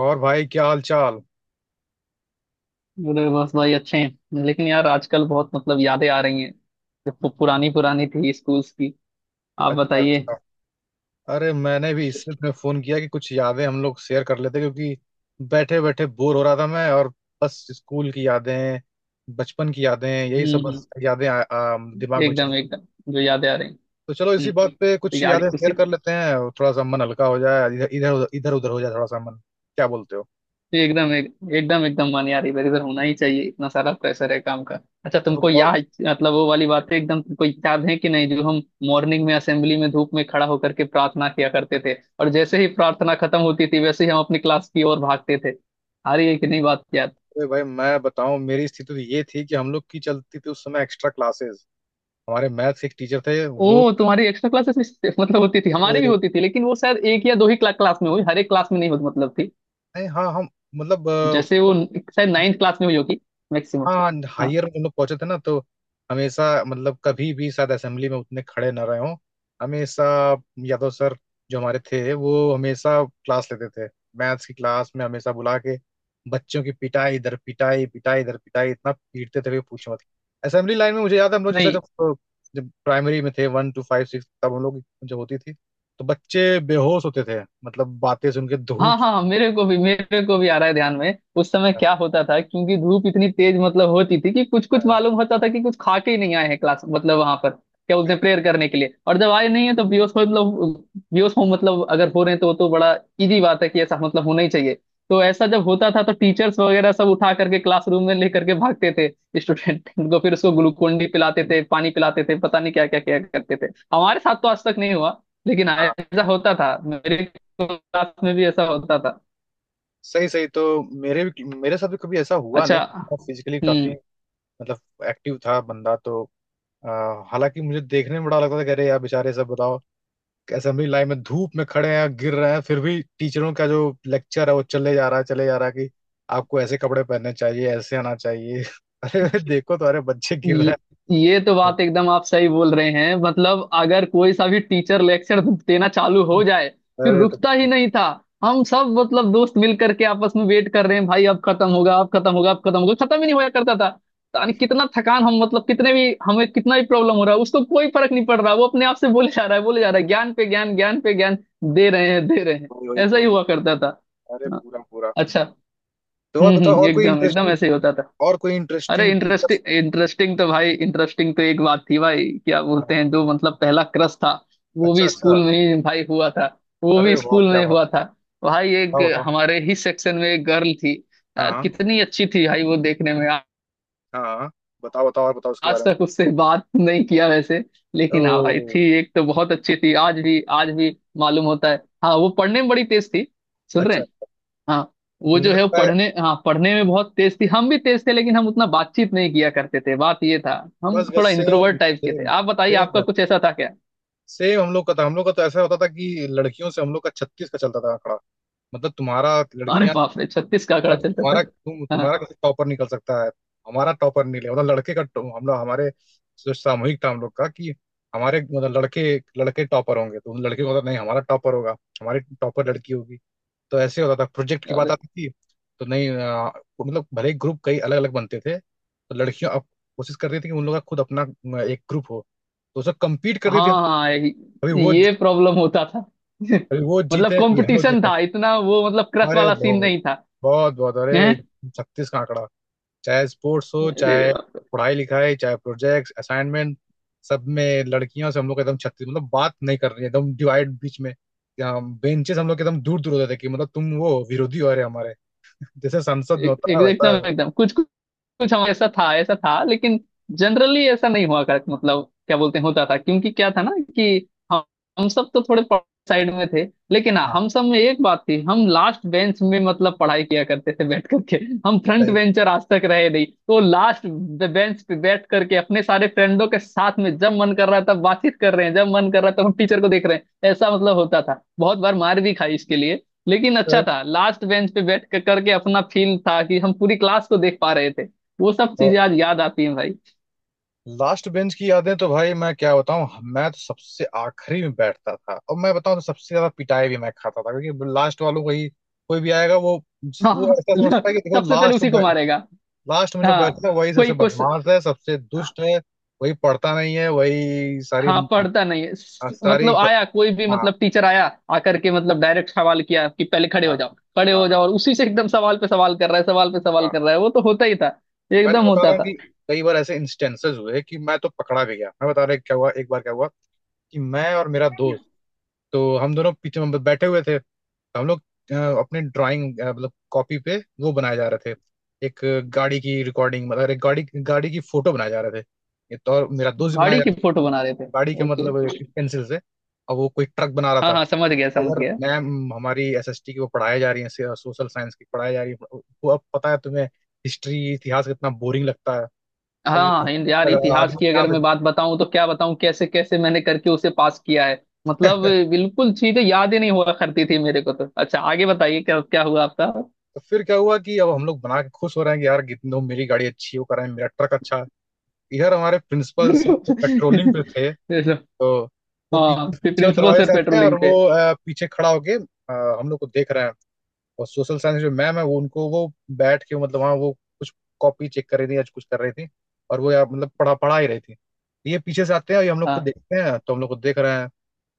और भाई क्या हाल चाल। अरे बस भाई, अच्छे हैं। लेकिन यार आजकल बहुत मतलब यादें आ रही हैं, जो पुरानी पुरानी थी स्कूल्स की। आप अच्छा बताइए। अच्छा। अरे मैंने भी इससे तुम्हें फोन किया कि कुछ यादें हम लोग शेयर कर लेते क्योंकि बैठे बैठे बोर हो रहा था मैं, और बस स्कूल की यादें, बचपन की यादें, यही सब, हम्म। बस यादें आ, आ, हम्म, दिमाग में चल। एकदम एकदम, जो यादें आ रही हैं। तो चलो इसी हम्म, बात पे तो कुछ याद यादें उसी। शेयर कर लेते हैं और थोड़ा सा मन हल्का हो जाए, इधर इधर इधर उधर हो जाए थोड़ा सा मन। क्या बोलते हो? एकदम एक, एकदम एकदम मन यार इधर उधर होना ही चाहिए। इतना सारा प्रेशर है काम का। अच्छा, तो तुमको बताओ। याद मतलब वो वाली बातें एकदम तुमको याद है कि नहीं, जो हम मॉर्निंग में असेंबली में धूप में खड़ा होकर के प्रार्थना किया करते थे। और जैसे ही प्रार्थना खत्म होती थी, वैसे ही हम अपनी क्लास की ओर भागते थे। आ रही है कि नहीं बात याद? अरे भाई मैं बताऊं, मेरी स्थिति तो ये थी कि हम लोग की चलती थी उस समय एक्स्ट्रा क्लासेस। हमारे मैथ्स एक टीचर थे वो। ओह, तुम्हारी एक्स्ट्रा क्लासेस भी मतलब होती थी, हमारे भी होती थी, लेकिन वो शायद एक या दो ही क्लास में हुई। हर एक क्लास में नहीं होती मतलब थी। नहीं, हाँ हम मतलब जैसे वो शायद नाइन्थ क्लास में हुई होगी, मैक्सिमम। हाँ हाँ। हायर में हम लोग पहुंचे थे ना, तो हमेशा मतलब कभी भी शायद असेंबली में उतने खड़े ना रहे हों। हमेशा यादव सर, जो हमारे थे, वो हमेशा क्लास लेते थे। मैथ्स की क्लास में हमेशा बुला के बच्चों की पिटाई, इधर पिटाई, पिटाई, इधर पिटाई, इतना पीटते थे कि पूछो मत। असेंबली लाइन में मुझे याद है हम लोग जैसे नहीं, जब जब प्राइमरी में थे, वन टू फाइव सिक्स, तब हम लोग की जो होती थी, तो बच्चे बेहोश होते थे, मतलब बातें सुन के धूप। हाँ, हाँ, मेरे को भी आ रहा है ध्यान में, उस समय क्या होता था। क्योंकि धूप इतनी तेज मतलब होती थी कि कुछ कुछ हाँ। मालूम होता था कि कुछ खा के ही नहीं आए हैं क्लास, मतलब वहां पर क्या बोलते हैं प्रेयर करने के लिए। और जब आए नहीं है तो बेहोश हो मतलब, बेहोश हो मतलब अगर हो रहे हैं तो वो तो बड़ा इजी बात है कि ऐसा मतलब होना ही चाहिए। तो ऐसा जब होता था तो टीचर्स वगैरह सब उठा करके क्लासरूम में लेकर के भागते थे स्टूडेंट को। फिर उसको ग्लूकोन डी पिलाते थे, पानी पिलाते थे, पता नहीं क्या क्या क्या करते थे। हमारे साथ तो आज तक नहीं हुआ, लेकिन हाँ, ऐसा होता था मेरे क्लास में भी, ऐसा होता था। सही सही, तो मेरे भी मेरे साथ भी कभी ऐसा हुआ अच्छा। नहीं। फिजिकली काफी हम्म। मतलब एक्टिव था बंदा तो। अ, हालांकि मुझे देखने में बड़ा लगता था कि अरे यार बेचारे, सब बताओ, असेंबली लाइन में धूप में खड़े हैं, गिर रहे हैं, फिर भी टीचरों का जो लेक्चर है वो चले जा रहा है, चले जा रहा है कि आपको ऐसे कपड़े पहनने चाहिए, ऐसे आना चाहिए। अरे देखो तो, अरे बच्चे गिर रहे ये, ये तो हैं। बात एकदम आप सही बोल रहे हैं। मतलब अगर कोई सा भी टीचर लेक्चर देना चालू हो जाए, फिर अरे तो रुकता ही नहीं था। हम सब मतलब दोस्त मिल करके आपस में वेट कर रहे हैं, भाई अब खत्म होगा, अब खत्म होगा, अब खत्म होगा। खत्म ही नहीं होया करता था। यानी कितना थकान, हम मतलब कितने भी, हमें कितना भी प्रॉब्लम हो रहा है उसको कोई फर्क नहीं पड़ रहा, वो अपने आप से बोले जा रहा है, बोले जा रहा है, ज्ञान पे ज्ञान, ज्ञान पे ज्ञान दे रहे हैं, दे रहे हैं। वही वही ऐसा तो। ही हुआ करता था। अरे पूरा पूरा। अच्छा। तो और हम्म, बताओ, हम्म, और कोई एकदम एकदम इंटरेस्टिंग? ऐसे ही होता था। और कोई अरे इंटरेस्टिंग? इंटरेस्टिंग इंटरेस्टिंग तो भाई, इंटरेस्टिंग तो एक बात थी भाई, क्या बोलते हैं, जो मतलब पहला क्रश था वो अच्छा भी अच्छा। स्कूल में ही भाई हुआ था। वो अरे भी वाह स्कूल क्या में बात! हुआ था। भाई, एक बताओ। हमारे ही सेक्शन में एक गर्ल थी। हाँ यार हाँ। कितनी अच्छी थी भाई, वो देखने में हाँ हाँ। बताओ बताओ, और बताओ उसके आज बारे में। तक उससे बात नहीं किया वैसे, लेकिन हाँ भाई, थी ओ। एक, तो बहुत अच्छी थी। आज भी, आज भी मालूम होता है। हाँ, वो पढ़ने में बड़ी तेज थी। सुन रहे अच्छा। हैं? हाँ। वो मुझे जो है वो लगता है पढ़ने, हाँ पढ़ने में बहुत तेज थी। हम भी तेज थे, लेकिन हम उतना बातचीत नहीं किया करते थे, बात ये था। हम बस बस, थोड़ा सेम इंट्रोवर्ट टाइप के थे। सेम, आप बताइए, आपका सेम, कुछ ऐसा था क्या? सेम हम लोग का था। हम लोग का तो ऐसा होता था कि लड़कियों से हम लोग का छत्तीस का चलता था आंकड़ा। मतलब तुम्हारा अरे लड़कियां बाप रे, छत्तीस का आंकड़ा और चलता तुम्हारा, था? तुम हाँ। तुम्हारा कैसे टॉपर निकल सकता है? हमारा टॉपर नहीं, ले मतलब हम लोग, हमारे जो सामूहिक था हम लोग का, कि हमारे मतलब लड़के, लड़के टॉपर होंगे, तो उन लड़के को होता नहीं, हमारा टॉपर होगा, हमारी टॉपर लड़की होगी। तो ऐसे होता था, प्रोजेक्ट की बात अरे। आती थी तो नहीं मतलब भले ही ग्रुप कई अलग अलग बनते थे, तो लड़कियां अब कोशिश करती थी कि उन लोग का खुद अपना एक ग्रुप हो, तो उसमें कम्पीट करती थी। हाँ, हाँ, कभी वो, ये प्रॉब्लम होता था कभी वो मतलब जीते, कभी हम लोग कंपटीशन जीते। था इतना, वो मतलब क्रश अरे वाला सीन बहुत, नहीं था। बहुत बहुत, हैं। अरे छत्तीस का आंकड़ा। चाहे स्पोर्ट्स हो, अरे चाहे बाप पढ़ाई लिखाई, चाहे प्रोजेक्ट्स असाइनमेंट, सब में लड़कियों से हम लोग एकदम छत्तीस, मतलब बात नहीं कर रही है, एकदम डिवाइड बीच में। बेंचेस हम लोग एकदम दूर दूर होते थे कि मतलब तुम वो विरोधी हो रहे हमारे, जैसे संसद रे, में होता है वैसा। एकदम एकदम कुछ कुछ हम, ऐसा था, ऐसा था। लेकिन जनरली ऐसा नहीं हुआ कर मतलब, क्या बोलते हैं, होता था। क्योंकि क्या था ना कि हम हम सब तो थोड़े साइड में थे। लेकिन हाँ, हाँ। हम सब में एक बात थी, हम लास्ट बेंच में मतलब पढ़ाई किया करते थे बैठ करके। हम फ्रंट बेंचर आज तक रहे नहीं, तो लास्ट बेंच पे बैठ करके अपने सारे फ्रेंडों के साथ में जब मन कर रहा था बातचीत कर रहे हैं, जब मन कर रहा था हम टीचर को देख रहे हैं, ऐसा मतलब होता था। बहुत बार मार भी खाई इसके लिए, लेकिन अच्छा था। लास्ट बेंच पे बैठ कर करके अपना फील था कि हम पूरी क्लास को देख पा रहे थे। वो सब चीजें आज याद आती हैं भाई। लास्ट बेंच की यादें तो भाई मैं क्या बताऊं। मैं तो सबसे आखिरी में बैठता था, और मैं बताऊं तो सबसे ज्यादा पिटाई भी मैं खाता था, क्योंकि लास्ट वालों को ही, कोई भी आएगा वो हाँ ऐसा समझता है कि देखो सबसे पहले लास्ट उसी को में, मारेगा। लास्ट में जो हाँ। बैठता है वही कोई सबसे कुछ। बदमाश है, सबसे दुष्ट है, वही पढ़ता नहीं है, वही सारी हाँ, पढ़ता नहीं है सारी। मतलब आया कोई भी, हाँ मतलब टीचर आया, आकर के मतलब डायरेक्ट सवाल किया कि पहले खड़े हाँ। हो जाओ, खड़े हो हाँ जाओ, और उसी से एकदम सवाल पे सवाल कर रहा है, सवाल पे सवाल हाँ। कर रहा है, वो तो होता ही था। मैं एकदम तो बता होता रहा हूँ था। कि कई बार ऐसे इंस्टेंसेस हुए कि मैं तो पकड़ा भी गया। मैं बता रहा हूँ क्या हुआ एक बार क्या हुआ कि मैं और मेरा दोस्त, तो हम दोनों पीछे में बैठे हुए थे, तो हम लोग अपने ड्राइंग मतलब कॉपी पे वो बनाए जा रहे थे। एक गाड़ी की रिकॉर्डिंग मतलब एक गाड़ी, गाड़ी की फोटो बनाए जा रहे थे। ये तो, और मेरा दोस्त भी बनाया गाड़ी जा, की फोटो बना रहे थे? गाड़ी का ओके। मतलब एक पेंसिल से, और वो कोई ट्रक बना रहा हाँ था। हाँ, समझ गया, समझ अगर गया। मैम हमारी एसएसटी की वो पढ़ाई जा रही है, सोशल साइंस की पढ़ाई जा रही है, वो अब पता है तुम्हें हिस्ट्री, इतिहास कितना बोरिंग लगता है। अब वो हाँ हमको यार, पता लगा, इतिहास आदमी की यहाँ अगर मैं पे। बात बताऊं तो क्या बताऊं, कैसे कैसे मैंने करके उसे पास किया है। मतलब बिल्कुल चीजें याद ही नहीं हुआ करती थी मेरे को। तो अच्छा, आगे बताइए क्या क्या हुआ आपका। तो फिर क्या हुआ कि अब हम लोग बना के खुश हो रहे हैं कि यार कितनों, मेरी गाड़ी अच्छी है, वो कर रहे हैं मेरा ट्रक अच्छा है। इधर हमारे प्रिंसिपल सर तो पेट्रोलिंग पे थे, ऐसा, तो वो पीछे, हाँ, फिर पीछे वाले प्रिंसिपल दरवाजे सर से आते हैं, और पेट्रोलिंग पे। वो पीछे खड़ा होके हम लोग को देख रहे हैं। और सोशल साइंस जो मैम है, वो उनको वो बैठ के मतलब वहाँ वो कुछ कॉपी चेक कर रही थी या कुछ कर रही थी, और वो यार मतलब पढ़ा पढ़ा ही रही थी। ये पीछे से आते हैं और ये हम लोग को हाँ देखते हैं, तो हम लोग को देख रहे हैं,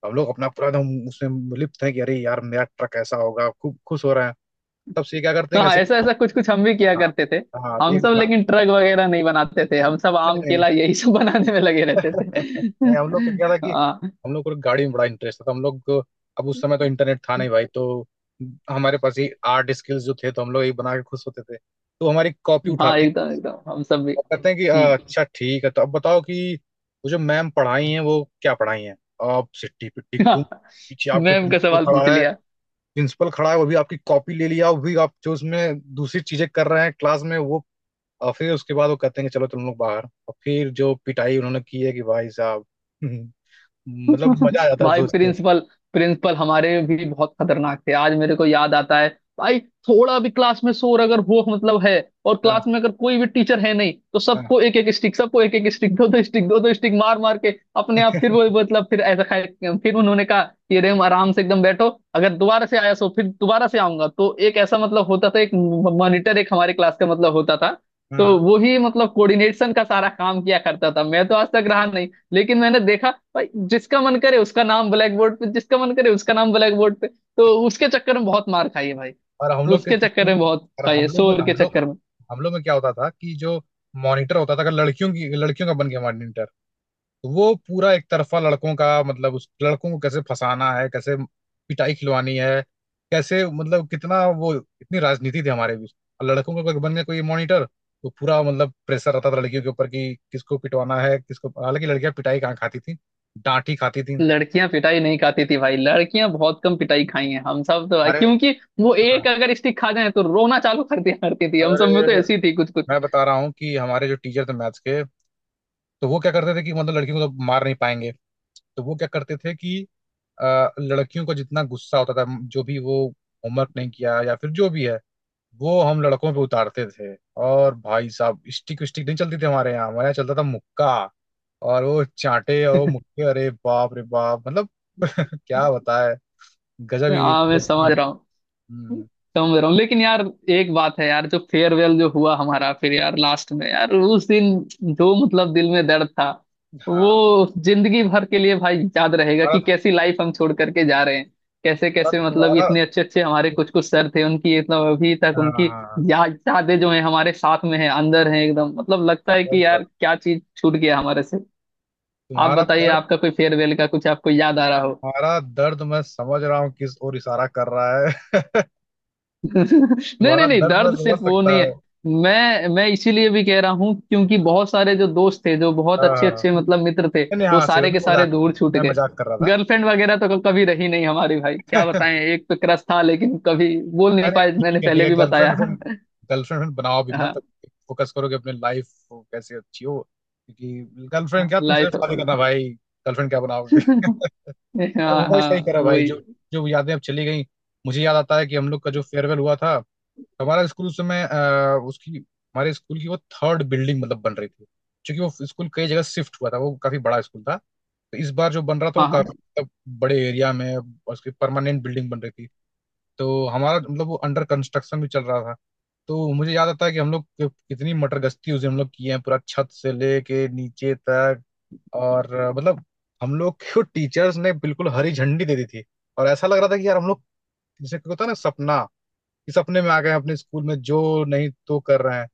हम लोग अपना पूरा एकदम उसमें लिप्त हैं कि अरे यार मेरा ट्रक ऐसा होगा, खूब खुश हो रहे हैं। तब से ये क्या करते तो हैं हाँ, कैसे, ऐसा ऐसा कुछ कुछ हम भी किया हाँ करते थे। हाँ तो हम ये सब हाँ, लेकिन ट्रक वगैरह नहीं बनाते थे, हम सब नहीं, आम नहीं, केला यही सब बनाने में लगे रहते थे। नहीं, हम लोग को क्या था कि हाँ हम लोग को गाड़ी में बड़ा इंटरेस्ट था, तो हम लोग को- अब उस समय तो इंटरनेट था नहीं भाई, तो हमारे पास ये आर्ट स्किल्स जो थे, तो हम लोग ये बना के खुश होते थे। तो हमारी कॉपी हाँ, उठाते एकदम एकदम हम सब भी। वो कहते हैं कि " हम्म। अच्छा ठीक है, तो अब बताओ कि वो जो मैम पढ़ाई हैं वो क्या पढ़ाई हैं? आप सिट्टी पिट्टी घूम, पीछे आपके मैम का प्रिंसिपल सवाल पूछ खड़ा है। लिया। प्रिंसिपल खड़ा है, वो भी आपकी कॉपी ले लिया, वो भी आप जो उसमें दूसरी चीजें कर रहे हैं क्लास में वो। और फिर उसके बाद वो कहते हैं कि चलो तुम लोग बाहर, और फिर जो पिटाई उन्होंने की है कि भाई साहब! मतलब मजा आ जाता है भाई सोच के। प्रिंसिपल, प्रिंसिपल हमारे भी बहुत खतरनाक थे आज मेरे को याद आता है भाई। थोड़ा भी क्लास में शोर अगर हो मतलब है, और हाँ क्लास में अगर कोई भी टीचर है नहीं, तो हाँ। सबको एक एक स्टिक, सबको एक एक स्टिक, दो दो स्टिक, दो दो स्टिक मार मार के अपने आप फिर वो मतलब, फिर ऐसा खाए फिर उन्होंने कहा कि रेम आराम से एकदम बैठो। अगर दोबारा से आया सो फिर दोबारा से आऊंगा। तो एक ऐसा मतलब होता था, एक मॉनिटर एक हमारे क्लास का मतलब होता था। हाँ, तो हाँ। वो ही मतलब कोऑर्डिनेशन का सारा काम किया करता था। मैं तो आज तक रहा नहीं, लेकिन मैंने देखा भाई, जिसका मन करे उसका नाम ब्लैक बोर्ड पे, जिसका मन करे उसका नाम ब्लैक बोर्ड पे। तो उसके चक्कर में बहुत मार खाई है भाई, और हम लोग किस, उसके चक्कर में बहुत और खाई है, हम लोग शोर हम के लोग चक्कर में। हम लोग में क्या होता था कि जो मॉनिटर होता था, अगर लड़कियों की, लड़कियों का बन गया मॉनिटर, तो वो पूरा एक तरफा लड़कों का मतलब उस लड़कों को कैसे फंसाना है, कैसे पिटाई खिलवानी है, कैसे मतलब कितना वो, इतनी राजनीति थी हमारे बीच। और लड़कों का कोई बन गया कोई मॉनिटर, तो पूरा मतलब प्रेशर रहता था लड़कियों के ऊपर कि किसको पिटवाना है किसको, हालांकि लड़कियां पिटाई कहाँ खाती थी, डांट ही खाती थी। लड़कियां पिटाई नहीं खाती थी भाई, लड़कियां बहुत कम पिटाई खाई हैं हम सब तो भाई, अरे क्योंकि वो हाँ, एक अगर स्टिक खा जाए तो रोना चालू कर दिया करती थी। हम सब में अरे तो ऐसी थी कुछ कुछ। मैं बता रहा हूँ कि हमारे जो टीचर थे मैथ्स के, तो वो क्या करते थे कि मतलब लड़कियों को तो मार नहीं पाएंगे, तो वो क्या करते थे कि लड़कियों को जितना गुस्सा होता था, जो भी वो होमवर्क नहीं किया या फिर जो भी है, वो हम लड़कों पे उतारते थे। और भाई साहब स्टिक, स्टिक नहीं चलती थी हमारे यहाँ, हमारे यहाँ चलता था मुक्का। और वो चांटे और वो मुक्के, अरे बाप रे बाप! मतलब क्या बताए, गजब ही। हाँ मैं समझ रहा हूँ, हम्म, समझ रहा हूँ। लेकिन यार एक बात है यार, जो फेयरवेल जो हुआ हमारा फिर यार लास्ट में यार, उस दिन जो मतलब दिल में दर्द था वो हाँ। जिंदगी भर के लिए भाई याद रहेगा, कि और, कैसी लाइफ हम छोड़ करके जा रहे हैं। कैसे और कैसे मतलब तुम्हारा इतने अच्छे अच्छे हमारे कुछ कुछ सर थे उनकी मतलब अभी तक हाँ हाँ उनकी हाँ, याद, यादें जो है हमारे साथ में है, अंदर है एकदम, मतलब लगता है सही कि यार बात। क्या चीज छूट गया हमारे से। आप तुम्हारा। बताइए, आपका कोई फेयरवेल का कुछ आपको याद आ रहा हो? तुम्हारा दर्द मैं समझ रहा हूँ किस ओर इशारा कर रहा है। नहीं तुम्हारा नहीं नहीं, दर्द मैं दर्द समझ सिर्फ वो सकता नहीं है। हूँ। मैं इसीलिए भी कह रहा हूँ क्योंकि बहुत सारे जो दोस्त थे जो बहुत हाँ अच्छे हाँ। अच्छे मतलब मित्र थे, नहीं नहीं, वो हाँ सही बात, सारे के सारे दूर छूट मैं गए। मजाक कर रहा था। गर्लफ्रेंड वगैरह तो कभी रही नहीं हमारी भाई, क्या बताएं, एक तो क्रश था लेकिन कभी बोल नहीं अरे पाए, मैंने ठीक है ठीक पहले है, भी गर्लफ्रेंड बताया गर्लफ्रेंड, है। गर्लफ्रेंड बनाओ भी मत। हाँ, फोकस करो कि अपनी लाइफ कैसे अच्छी हो, क्योंकि गर्लफ्रेंड क्या, तुम सिर्फ लाइफ शादी हाँ। करना भाई, गर्लफ्रेंड क्या बनाओगे? life of all. हाँ वो भाई सही हाँ, करा भाई, वही। जो जो यादें अब चली गई। मुझे याद आता है कि हम लोग का जो फेयरवेल हुआ था, हमारा स्कूल उस समय उसकी, हमारे स्कूल की वो थर्ड बिल्डिंग मतलब बन रही थी। क्योंकि वो स्कूल कई जगह शिफ्ट हुआ था, वो काफी बड़ा स्कूल था, तो इस बार जो बन रहा था वो हाँ हाँ, काफी मतलब बड़े एरिया में, और उसकी परमानेंट बिल्डिंग बन रही थी। तो हमारा मतलब वो अंडर कंस्ट्रक्शन भी चल रहा था। तो मुझे याद आता है कि कितनी मटर गश्ती उसे हम लोग किए हैं, पूरा छत से लेके नीचे तक। और मतलब हम लोग को टीचर्स ने बिल्कुल हरी झंडी दे दी थी, और ऐसा लग रहा था कि यार हम लोग, जैसे कि होता है ना सपना, कि सपने में आ गए हैं अपने स्कूल में, जो नहीं तो कर रहे हैं।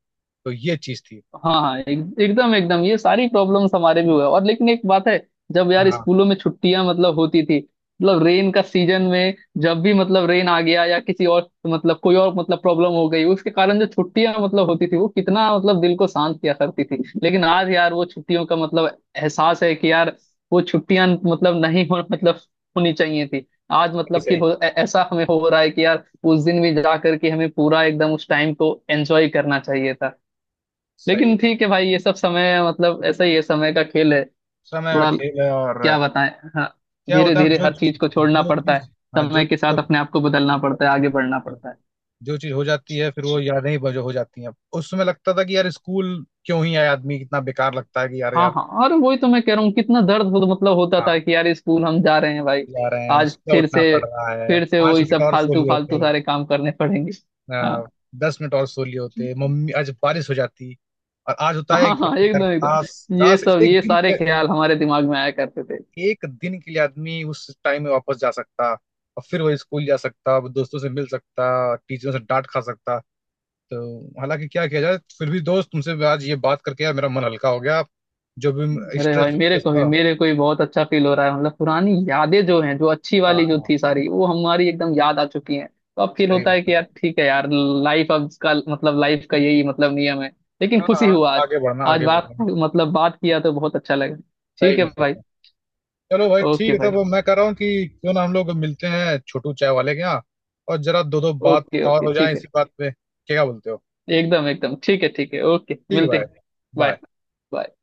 तो ये चीज थी। हाँ, हाँ एकदम एकदम ये सारी प्रॉब्लम्स हमारे भी हुआ, और लेकिन एक बात है, जब यार हाँ। स्कूलों में छुट्टियां मतलब होती थी, मतलब रेन का सीजन में, जब भी मतलब रेन आ गया या किसी और मतलब कोई और मतलब प्रॉब्लम हो गई उसके कारण जो छुट्टियां मतलब होती थी, वो कितना मतलब दिल को शांत किया करती थी। लेकिन आज यार वो छुट्टियों का मतलब एहसास है कि यार वो छुट्टियां मतलब नहीं हो मतलब होनी चाहिए थी। आज सही मतलब फील सही। हो ऐसा हमें हो रहा है कि यार उस दिन भी जा करके हमें पूरा एकदम उस टाइम को एंजॉय करना चाहिए था। सही लेकिन है। ठीक है भाई, ये सब समय मतलब ऐसा ही है, समय का खेल है। समय का थोड़ा, खेल है, और क्या बताएं। हाँ, क्या धीरे होता है धीरे जो हर चीज, चीज को छोड़ना जो पड़ता है, चीज, हाँ जो, समय के साथ जब अपने आप को बदलना पड़ता है, आगे बढ़ना पड़ता है। जो चीज हो जाती है फिर वो यादें ही बजो हो जाती हैं। उस समय लगता था कि यार स्कूल क्यों ही आए आदमी, कितना बेकार लगता है कि यार हाँ यार। हाँ, और वही तो मैं कह रहा हूँ, कितना दर्द हो, मतलब होता हाँ था कि यार स्कूल हम जा रहे हैं भाई, जा रहे हैं, आज सुबह फिर उठना से, पड़ रहा है, फिर से पांच वही मिनट सब और सो फालतू लिए फालतू थे। सारे काम करने पड़ेंगे। हाँ। आ, 10 मिनट और सो लिए होते मम्मी, आज बारिश हो जाती। और आज होता है हाँ कि हाँ, यार एकदम काश, एकदम ये काश सब, ये सारे ख्याल हमारे दिमाग में आया करते थे। एक दिन के लिए आदमी उस टाइम में वापस जा सकता, और फिर वो स्कूल जा सकता, वो दोस्तों से मिल सकता, टीचरों से डांट खा सकता। तो हालांकि क्या किया जाए, फिर भी दोस्त तुमसे आज ये बात करके यार मेरा मन हल्का हो गया, जो भी अरे भाई, स्ट्रेस मेरे को भी, था। मेरे को भी बहुत अच्छा फील हो रहा है, मतलब पुरानी यादें जो हैं, जो अच्छी हाँ वाली जो हाँ। थी सारी, वो हमारी एकदम याद आ चुकी हैं। तो अब फील सही होता है रहता कि है। यार ठीक है यार, लाइफ अब का मतलब लाइफ का यही मतलब नियम है। लेकिन हाँ खुशी हाँ, हुआ आज, आगे बढ़ना आज आगे बात बढ़ना। मतलब बात किया तो बहुत अच्छा लगा। सही ठीक है में सही भाई। में। चलो भाई ठीक ओके है, भाई। तब मैं कह रहा हूँ कि क्यों ना हम लोग मिलते हैं छोटू चाय वाले के यहाँ, और जरा दो दो बात ओके और ओके हो जाए ठीक है, इसी बात पे। क्या बोलते हो? एकदम एकदम ठीक है ओके, ठीक है मिलते भाई। हैं। बाय। बाय। बाय।